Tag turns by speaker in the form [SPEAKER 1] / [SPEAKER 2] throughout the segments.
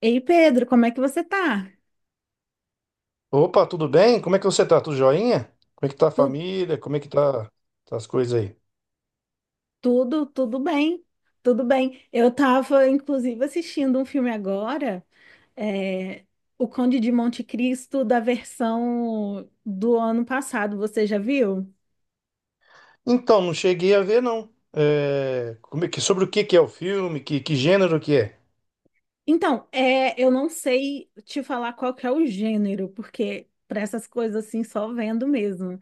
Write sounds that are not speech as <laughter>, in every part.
[SPEAKER 1] Ei, Pedro, como é que você tá?
[SPEAKER 2] Opa, tudo bem? Como é que você tá? Tudo joinha? Como é que tá a
[SPEAKER 1] Tu-
[SPEAKER 2] família? Como é que tá, tá as coisas aí?
[SPEAKER 1] tudo, tudo bem, tudo bem. Eu tava, inclusive, assistindo um filme agora, é, O Conde de Monte Cristo, da versão do ano passado, você já viu?
[SPEAKER 2] Então, não cheguei a ver, não. É, como é que, sobre o que é o filme? Que gênero que é?
[SPEAKER 1] Então, eu não sei te falar qual que é o gênero, porque para essas coisas assim, só vendo mesmo.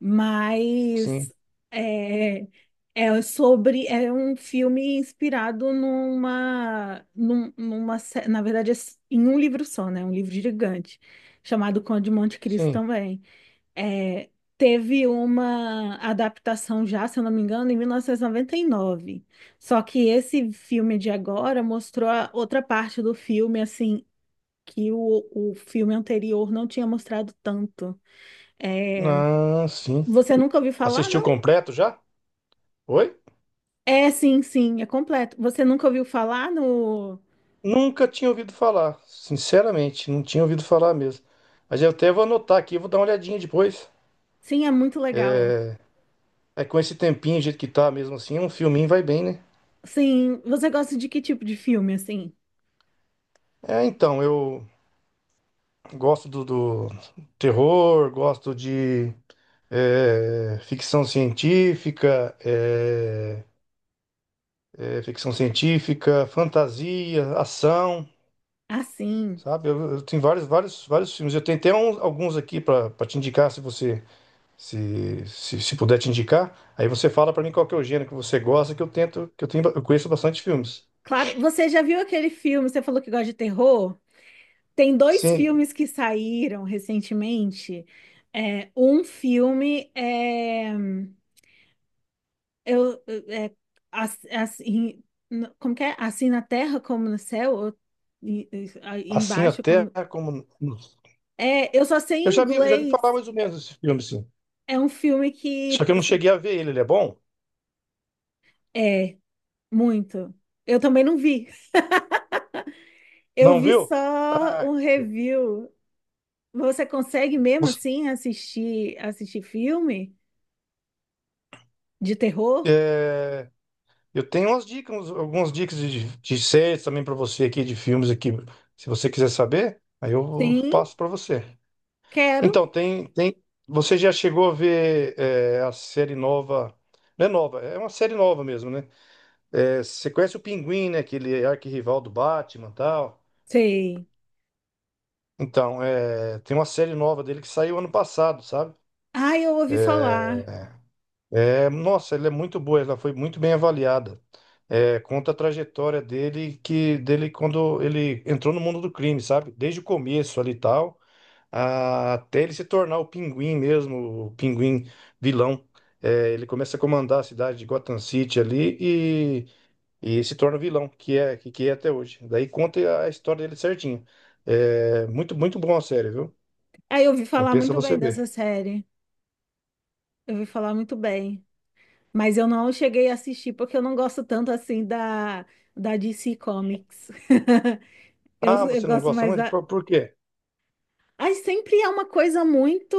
[SPEAKER 1] Mas
[SPEAKER 2] Sim,
[SPEAKER 1] é, é sobre um filme inspirado numa, num- numa sé- na verdade é s- em um livro só, né? Um livro gigante chamado Conde de Monte Cristo
[SPEAKER 2] sim.
[SPEAKER 1] também. É, Teve uma adaptação já, se eu não me engano, em mil novecentos e noventa e nove. Só que esse filme de agora mostrou a outra parte do filme assim que o filme anterior não tinha mostrado tanto. É,
[SPEAKER 2] Ah, sim.
[SPEAKER 1] você nunca ouviu falar?
[SPEAKER 2] Assistiu completo já? Oi?
[SPEAKER 1] É, sim, sim, é completo. Você nunca ouviu falar no.
[SPEAKER 2] Nunca tinha ouvido falar, sinceramente, não tinha ouvido falar mesmo. Mas eu até vou anotar aqui, vou dar uma olhadinha depois.
[SPEAKER 1] Sim, é muito legal.
[SPEAKER 2] É com esse tempinho, do jeito que tá mesmo assim, um filminho vai bem, né?
[SPEAKER 1] Sim, você gosta de que tipo de filme, assim?
[SPEAKER 2] É, então, eu gosto do terror, gosto de ficção científica, ficção científica, fantasia, ação,
[SPEAKER 1] Ah, sim.
[SPEAKER 2] sabe? Eu tenho vários, vários, vários filmes. Eu tenho até uns- alguns aqui para te indicar, se você se puder te indicar. Aí você fala para mim qual que é o gênero que você gosta, que eu tento, que eu tenho, eu conheço bastante filmes.
[SPEAKER 1] Claro, você já viu aquele filme? Você falou que gosta de terror? Tem dois
[SPEAKER 2] Sim,
[SPEAKER 1] filmes que saíram recentemente. É, um filme é. Eu, é as- assim, Como que é? Assim na terra como no céu, ou
[SPEAKER 2] assim
[SPEAKER 1] embaixo
[SPEAKER 2] até
[SPEAKER 1] como.
[SPEAKER 2] como
[SPEAKER 1] É, eu só sei em
[SPEAKER 2] eu já vi falar
[SPEAKER 1] inglês.
[SPEAKER 2] mais ou menos desse filme, sim.
[SPEAKER 1] É um filme que
[SPEAKER 2] Só que eu não cheguei a ver ele. Ele é bom?
[SPEAKER 1] é muito. Eu também não vi. Eu
[SPEAKER 2] Não
[SPEAKER 1] vi
[SPEAKER 2] viu?
[SPEAKER 1] só
[SPEAKER 2] Ah,
[SPEAKER 1] um review. Você consegue mesmo
[SPEAKER 2] você,
[SPEAKER 1] assim assistir filme de terror?
[SPEAKER 2] é, Eu tenho umas dicas, uns- algumas dicas de séries também para você aqui, de filmes aqui, se você quiser saber, aí eu
[SPEAKER 1] Sim,
[SPEAKER 2] passo para você.
[SPEAKER 1] quero.
[SPEAKER 2] Então, tem, você já chegou a ver a série nova, não é nova, é uma série nova mesmo, né? É, você conhece o Pinguim, né? Aquele arquirrival do Batman e tal.
[SPEAKER 1] Sei.
[SPEAKER 2] Então, é, tem uma série nova dele que saiu ano passado, sabe?
[SPEAKER 1] Ah, eu ouvi falar.
[SPEAKER 2] É, nossa, ela é muito boa, ela foi muito bem avaliada. É, conta a trajetória dele quando ele entrou no mundo do crime, sabe? Desde o começo ali e tal, a- até ele se tornar o Pinguim mesmo, o Pinguim vilão. É, ele começa a comandar a cidade de Gotham City ali e, e se torna vilão, que é até hoje. Daí conta a história dele certinho. É, muito muito bom a série, viu?
[SPEAKER 1] Ah, eu ouvi falar
[SPEAKER 2] Compensa
[SPEAKER 1] muito
[SPEAKER 2] você
[SPEAKER 1] bem dessa
[SPEAKER 2] ver.
[SPEAKER 1] série. Eu ouvi falar muito bem. Mas eu não cheguei a assistir porque eu não gosto tanto assim da DC Comics. <laughs> Eu,
[SPEAKER 2] Ah,
[SPEAKER 1] eu
[SPEAKER 2] você não
[SPEAKER 1] gosto
[SPEAKER 2] gosta
[SPEAKER 1] mais
[SPEAKER 2] muito?
[SPEAKER 1] da,
[SPEAKER 2] Por quê?
[SPEAKER 1] ai, sempre é uma coisa muito,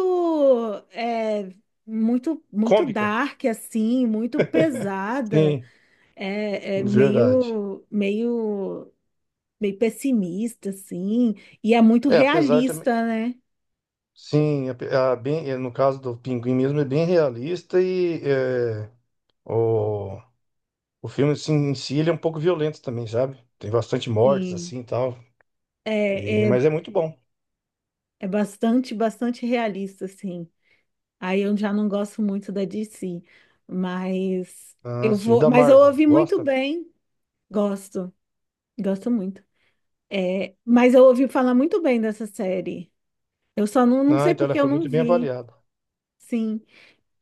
[SPEAKER 1] é, muito, muito
[SPEAKER 2] Cômica.
[SPEAKER 1] dark, assim, muito pesada,
[SPEAKER 2] Sim.
[SPEAKER 1] é,
[SPEAKER 2] Verdade.
[SPEAKER 1] meio pessimista, assim, e é muito
[SPEAKER 2] É, apesar também.
[SPEAKER 1] realista, né?
[SPEAKER 2] Sim, ape- a, bem, no caso do Pinguim mesmo, é bem realista e o, o filme assim, em si ele é um pouco violento também, sabe? Tem bastante mortes
[SPEAKER 1] Sim,
[SPEAKER 2] assim e tal. E,
[SPEAKER 1] é, é,
[SPEAKER 2] mas é muito bom.
[SPEAKER 1] é bastante, bastante realista, assim. Aí eu já não gosto muito da DC, mas
[SPEAKER 2] Ah,
[SPEAKER 1] eu
[SPEAKER 2] sim, e
[SPEAKER 1] vou,
[SPEAKER 2] da
[SPEAKER 1] mas eu
[SPEAKER 2] Marvel,
[SPEAKER 1] ouvi muito
[SPEAKER 2] gosta?
[SPEAKER 1] bem, gosto, gosto muito. É, mas eu ouvi falar muito bem dessa série. Eu só não
[SPEAKER 2] Ah,
[SPEAKER 1] sei
[SPEAKER 2] então ela
[SPEAKER 1] porque eu
[SPEAKER 2] foi
[SPEAKER 1] não
[SPEAKER 2] muito bem
[SPEAKER 1] vi,
[SPEAKER 2] avaliada.
[SPEAKER 1] sim.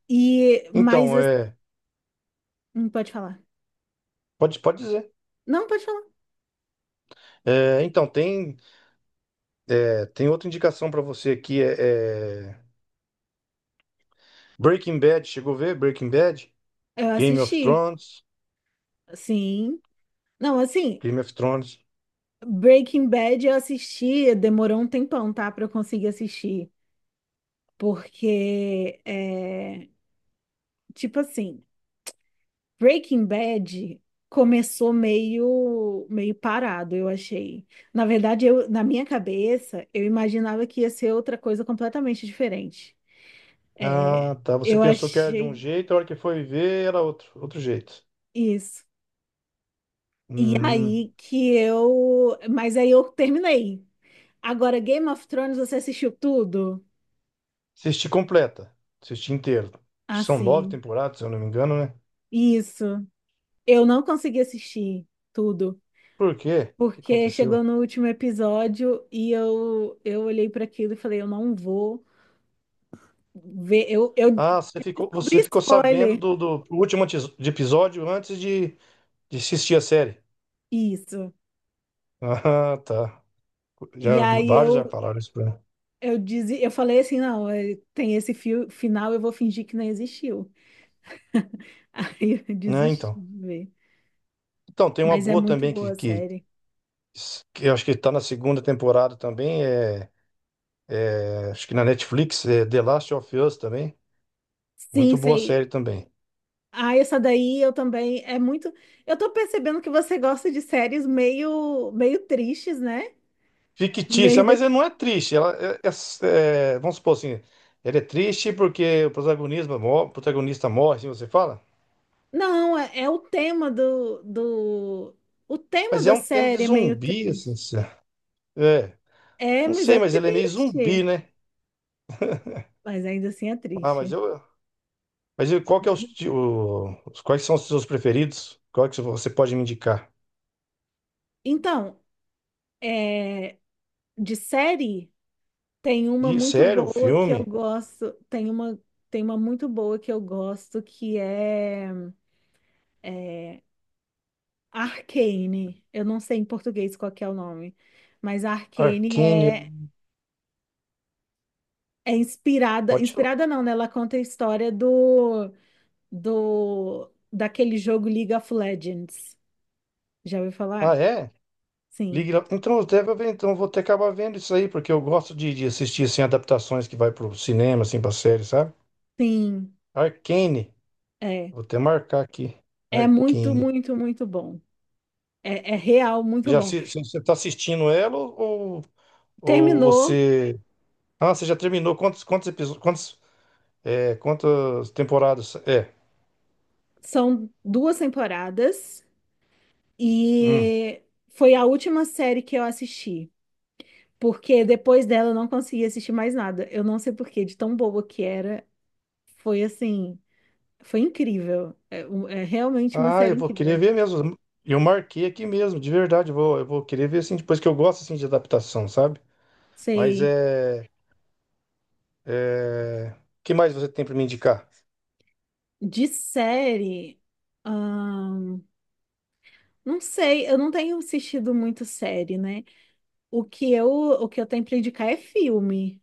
[SPEAKER 1] E, mas,
[SPEAKER 2] Então, é,
[SPEAKER 1] não pode falar.
[SPEAKER 2] pode dizer.
[SPEAKER 1] Não, pode falar.
[SPEAKER 2] É, então, é, tem outra indicação pra você aqui: é Breaking Bad, chegou a ver? Breaking Bad,
[SPEAKER 1] Eu
[SPEAKER 2] Game of
[SPEAKER 1] assisti,
[SPEAKER 2] Thrones.
[SPEAKER 1] sim. Não, assim,
[SPEAKER 2] Game of Thrones.
[SPEAKER 1] Breaking Bad eu assisti, demorou um tempão, tá, pra eu conseguir assistir. Porque, é, tipo assim, Breaking Bad começou meio parado, eu achei. Na verdade, na minha cabeça, eu imaginava que ia ser outra coisa completamente diferente. É,
[SPEAKER 2] Ah, tá. Você
[SPEAKER 1] eu
[SPEAKER 2] pensou que era de um
[SPEAKER 1] achei
[SPEAKER 2] jeito, a hora que foi ver era outro, outro jeito.
[SPEAKER 1] isso. E
[SPEAKER 2] Hum.
[SPEAKER 1] aí que eu. Mas aí eu terminei. Agora, Game of Thrones, você assistiu tudo?
[SPEAKER 2] Assisti completa. Assisti inteiro. Acho que são nove
[SPEAKER 1] Assim.
[SPEAKER 2] temporadas, se eu não me engano, né?
[SPEAKER 1] Isso. Eu não consegui assistir tudo.
[SPEAKER 2] Por quê? O que
[SPEAKER 1] Porque
[SPEAKER 2] aconteceu?
[SPEAKER 1] chegou no último episódio e eu olhei para aquilo e falei, eu não vou ver. Eu, eu,
[SPEAKER 2] Ah,
[SPEAKER 1] eu descobri
[SPEAKER 2] você ficou sabendo
[SPEAKER 1] spoiler.
[SPEAKER 2] do último antes- de episódio antes de assistir a série. <laughs>
[SPEAKER 1] Isso.
[SPEAKER 2] Ah, tá.
[SPEAKER 1] E
[SPEAKER 2] Já,
[SPEAKER 1] aí
[SPEAKER 2] vários já falaram isso pra mim.
[SPEAKER 1] eu falei assim, não, tem esse fio, final, eu vou fingir que não existiu. <laughs> Aí eu
[SPEAKER 2] Né,
[SPEAKER 1] desisti
[SPEAKER 2] então.
[SPEAKER 1] de ver.
[SPEAKER 2] Então, tem uma
[SPEAKER 1] Mas é
[SPEAKER 2] boa
[SPEAKER 1] muito
[SPEAKER 2] também
[SPEAKER 1] boa a série.
[SPEAKER 2] que eu acho que tá na segunda temporada também. Acho que na Netflix, é The Last of Us também. Muito
[SPEAKER 1] Sim,
[SPEAKER 2] boa
[SPEAKER 1] sei.
[SPEAKER 2] série também.
[SPEAKER 1] Ah, essa daí eu também é muito. Eu tô percebendo que você gosta de séries meio tristes, né?
[SPEAKER 2] Fictícia,
[SPEAKER 1] Meio
[SPEAKER 2] mas ela
[SPEAKER 1] de-
[SPEAKER 2] não é triste. Ela é, é- é- vamos supor assim, ela é triste porque o protagonista, mo- o protagonista morre, assim você fala.
[SPEAKER 1] não, é o tema do. O tema
[SPEAKER 2] Mas é
[SPEAKER 1] da
[SPEAKER 2] um tema de
[SPEAKER 1] série é meio
[SPEAKER 2] zumbi, assim.
[SPEAKER 1] triste.
[SPEAKER 2] Se- É,
[SPEAKER 1] É,
[SPEAKER 2] não
[SPEAKER 1] mas
[SPEAKER 2] sei,
[SPEAKER 1] é
[SPEAKER 2] mas ele é meio zumbi,
[SPEAKER 1] triste.
[SPEAKER 2] né?
[SPEAKER 1] Mas ainda assim é
[SPEAKER 2] Ah,
[SPEAKER 1] triste.
[SPEAKER 2] mas eu- qual que é os, ti- o- os- quais são os seus preferidos? Qual que você pode me indicar?
[SPEAKER 1] Então, é, de série, tem uma
[SPEAKER 2] E
[SPEAKER 1] muito
[SPEAKER 2] sério, o
[SPEAKER 1] boa que eu
[SPEAKER 2] filme?
[SPEAKER 1] gosto. Tem uma muito boa que eu gosto que é Arcane. Eu não sei em português qual que é o nome, mas a Arcane
[SPEAKER 2] Arcane,
[SPEAKER 1] é, é inspirada,
[SPEAKER 2] pode falar.
[SPEAKER 1] inspirada não, né? Ela conta a história do, do daquele jogo League of Legends. Já ouviu
[SPEAKER 2] Ah,
[SPEAKER 1] falar?
[SPEAKER 2] é?
[SPEAKER 1] Sim,
[SPEAKER 2] Ligue lá. Então, eu até ver- então eu vou até acabar vendo isso aí, porque eu gosto de assistir assim, adaptações que vai pro cinema, assim, pra série, sabe?
[SPEAKER 1] sim,
[SPEAKER 2] Arcane.
[SPEAKER 1] é.
[SPEAKER 2] Vou até marcar aqui.
[SPEAKER 1] É muito,
[SPEAKER 2] Arcane.
[SPEAKER 1] muito, muito bom. É, é real, muito
[SPEAKER 2] Já
[SPEAKER 1] bom.
[SPEAKER 2] assi- você tá assistindo ela ou ou
[SPEAKER 1] Terminou,
[SPEAKER 2] você. Ah, você já terminou. Quantos, quantos episódios? Quantos, é, quantas temporadas? É.
[SPEAKER 1] são duas temporadas
[SPEAKER 2] Hum.
[SPEAKER 1] e foi a última série que eu assisti. Porque depois dela eu não consegui assistir mais nada. Eu não sei por quê, de tão boa que era. Foi assim, foi incrível. É realmente uma
[SPEAKER 2] Ah, eu
[SPEAKER 1] série
[SPEAKER 2] vou querer
[SPEAKER 1] incrível.
[SPEAKER 2] ver mesmo. Eu marquei aqui mesmo, de verdade. Eu vou querer ver assim, depois que eu gosto assim, de adaptação, sabe? Mas
[SPEAKER 1] Sei.
[SPEAKER 2] é. É... O que mais você tem pra me indicar?
[SPEAKER 1] De série, ahn, não sei, eu não tenho assistido muito série, né? O que eu tenho pra indicar é filme.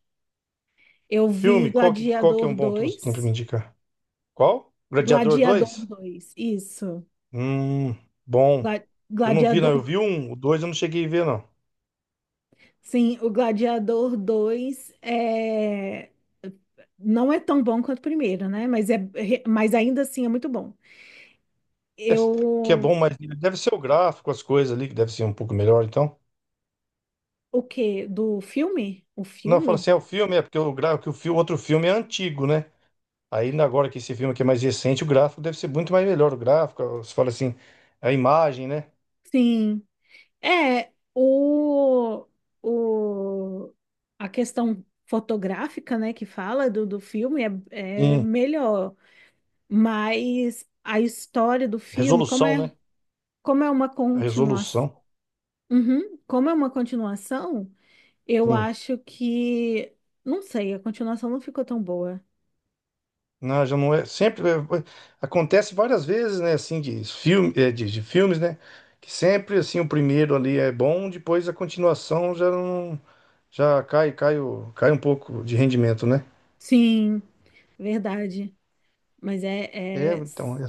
[SPEAKER 1] Eu vi
[SPEAKER 2] Filme, qual que é
[SPEAKER 1] Gladiador
[SPEAKER 2] um bom que você tem pra me
[SPEAKER 1] dois.
[SPEAKER 2] indicar? Qual? Gladiador
[SPEAKER 1] Gladiador
[SPEAKER 2] dois.
[SPEAKER 1] dois, isso.
[SPEAKER 2] Hum, bom.
[SPEAKER 1] Gla-
[SPEAKER 2] Eu não vi, não. Eu
[SPEAKER 1] Gladiador.
[SPEAKER 2] vi um, o dois eu não cheguei a ver, não.
[SPEAKER 1] Sim, o Gladiador dois é... não é tão bom quanto o primeiro, né? Mas, é... mas ainda assim é muito bom.
[SPEAKER 2] É, que é
[SPEAKER 1] Eu.
[SPEAKER 2] bom, mas deve ser o gráfico, as coisas ali, que deve ser um pouco melhor, então.
[SPEAKER 1] O quê? Do filme? O
[SPEAKER 2] Não, fala
[SPEAKER 1] filme?
[SPEAKER 2] assim, é o filme, é porque o gráfico, que o fi- outro filme é antigo, né? Aí na- agora que esse filme aqui é mais recente, o gráfico deve ser muito mais melhor. O gráfico, você fala assim, a imagem, né?
[SPEAKER 1] Sim. É, o, o, a questão fotográfica, né, que fala do filme é, é
[SPEAKER 2] Sim,
[SPEAKER 1] melhor, mas a história do filme,
[SPEAKER 2] resolução, né?
[SPEAKER 1] como é uma
[SPEAKER 2] A
[SPEAKER 1] continuação,
[SPEAKER 2] resolução.
[SPEAKER 1] uhum, como é uma continuação, eu
[SPEAKER 2] Sim.
[SPEAKER 1] acho que. Não sei, a continuação não ficou tão boa.
[SPEAKER 2] Não, já não é. Sempre acontece várias vezes, né? Assim, de filme, de filmes, né? Que sempre assim o primeiro ali é bom, depois a continuação já não, já cai, cai, o- cai um pouco de rendimento, né?
[SPEAKER 1] Sim, verdade. Mas é,
[SPEAKER 2] É,
[SPEAKER 1] é-
[SPEAKER 2] então eu,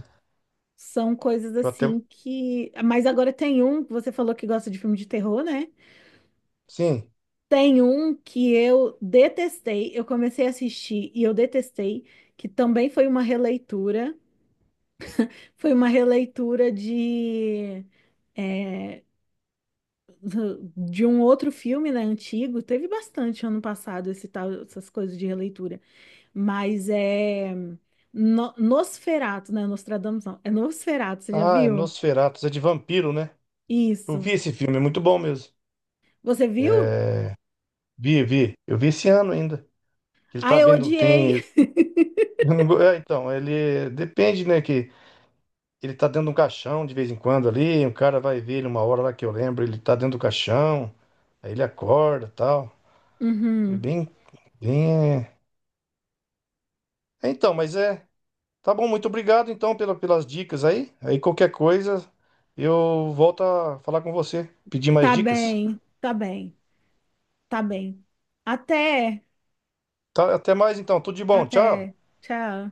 [SPEAKER 1] são coisas
[SPEAKER 2] eu até
[SPEAKER 1] assim que. Mas agora tem um, você falou que gosta de filme de terror, né?
[SPEAKER 2] sim.
[SPEAKER 1] Tem um que eu detestei, eu comecei a assistir e eu detestei, que também foi uma releitura. Foi uma releitura de. É, de um outro filme, né, antigo, teve bastante ano passado esse tal, essas coisas de releitura. Mas é no, Nosferatu, né? Nostradamus não. É Nosferatu, você já
[SPEAKER 2] Ah, é
[SPEAKER 1] viu?
[SPEAKER 2] Nosferatu, é de vampiro, né? Eu vi
[SPEAKER 1] Isso.
[SPEAKER 2] esse filme, é muito bom mesmo.
[SPEAKER 1] Você viu?
[SPEAKER 2] Vi, vi. Eu vi esse ano ainda. Ele
[SPEAKER 1] Ah,
[SPEAKER 2] tá
[SPEAKER 1] eu
[SPEAKER 2] bem, não
[SPEAKER 1] odiei.
[SPEAKER 2] tem.
[SPEAKER 1] <laughs>
[SPEAKER 2] <laughs> É, então, ele depende, né? que Ele tá dentro de um caixão de vez em quando ali, um cara vai ver ele uma hora lá que eu lembro, ele tá dentro do caixão, aí ele acorda tal. É
[SPEAKER 1] Uhum.
[SPEAKER 2] bem, bem. É. É, Então, mas é. Tá bom, muito obrigado então pela, pelas dicas aí. Aí qualquer coisa eu volto a falar com você, pedir mais
[SPEAKER 1] Tá
[SPEAKER 2] dicas.
[SPEAKER 1] bem, tá bem, tá bem. Até,
[SPEAKER 2] Tá, até mais então, tudo de bom, tchau.
[SPEAKER 1] até. Tchau.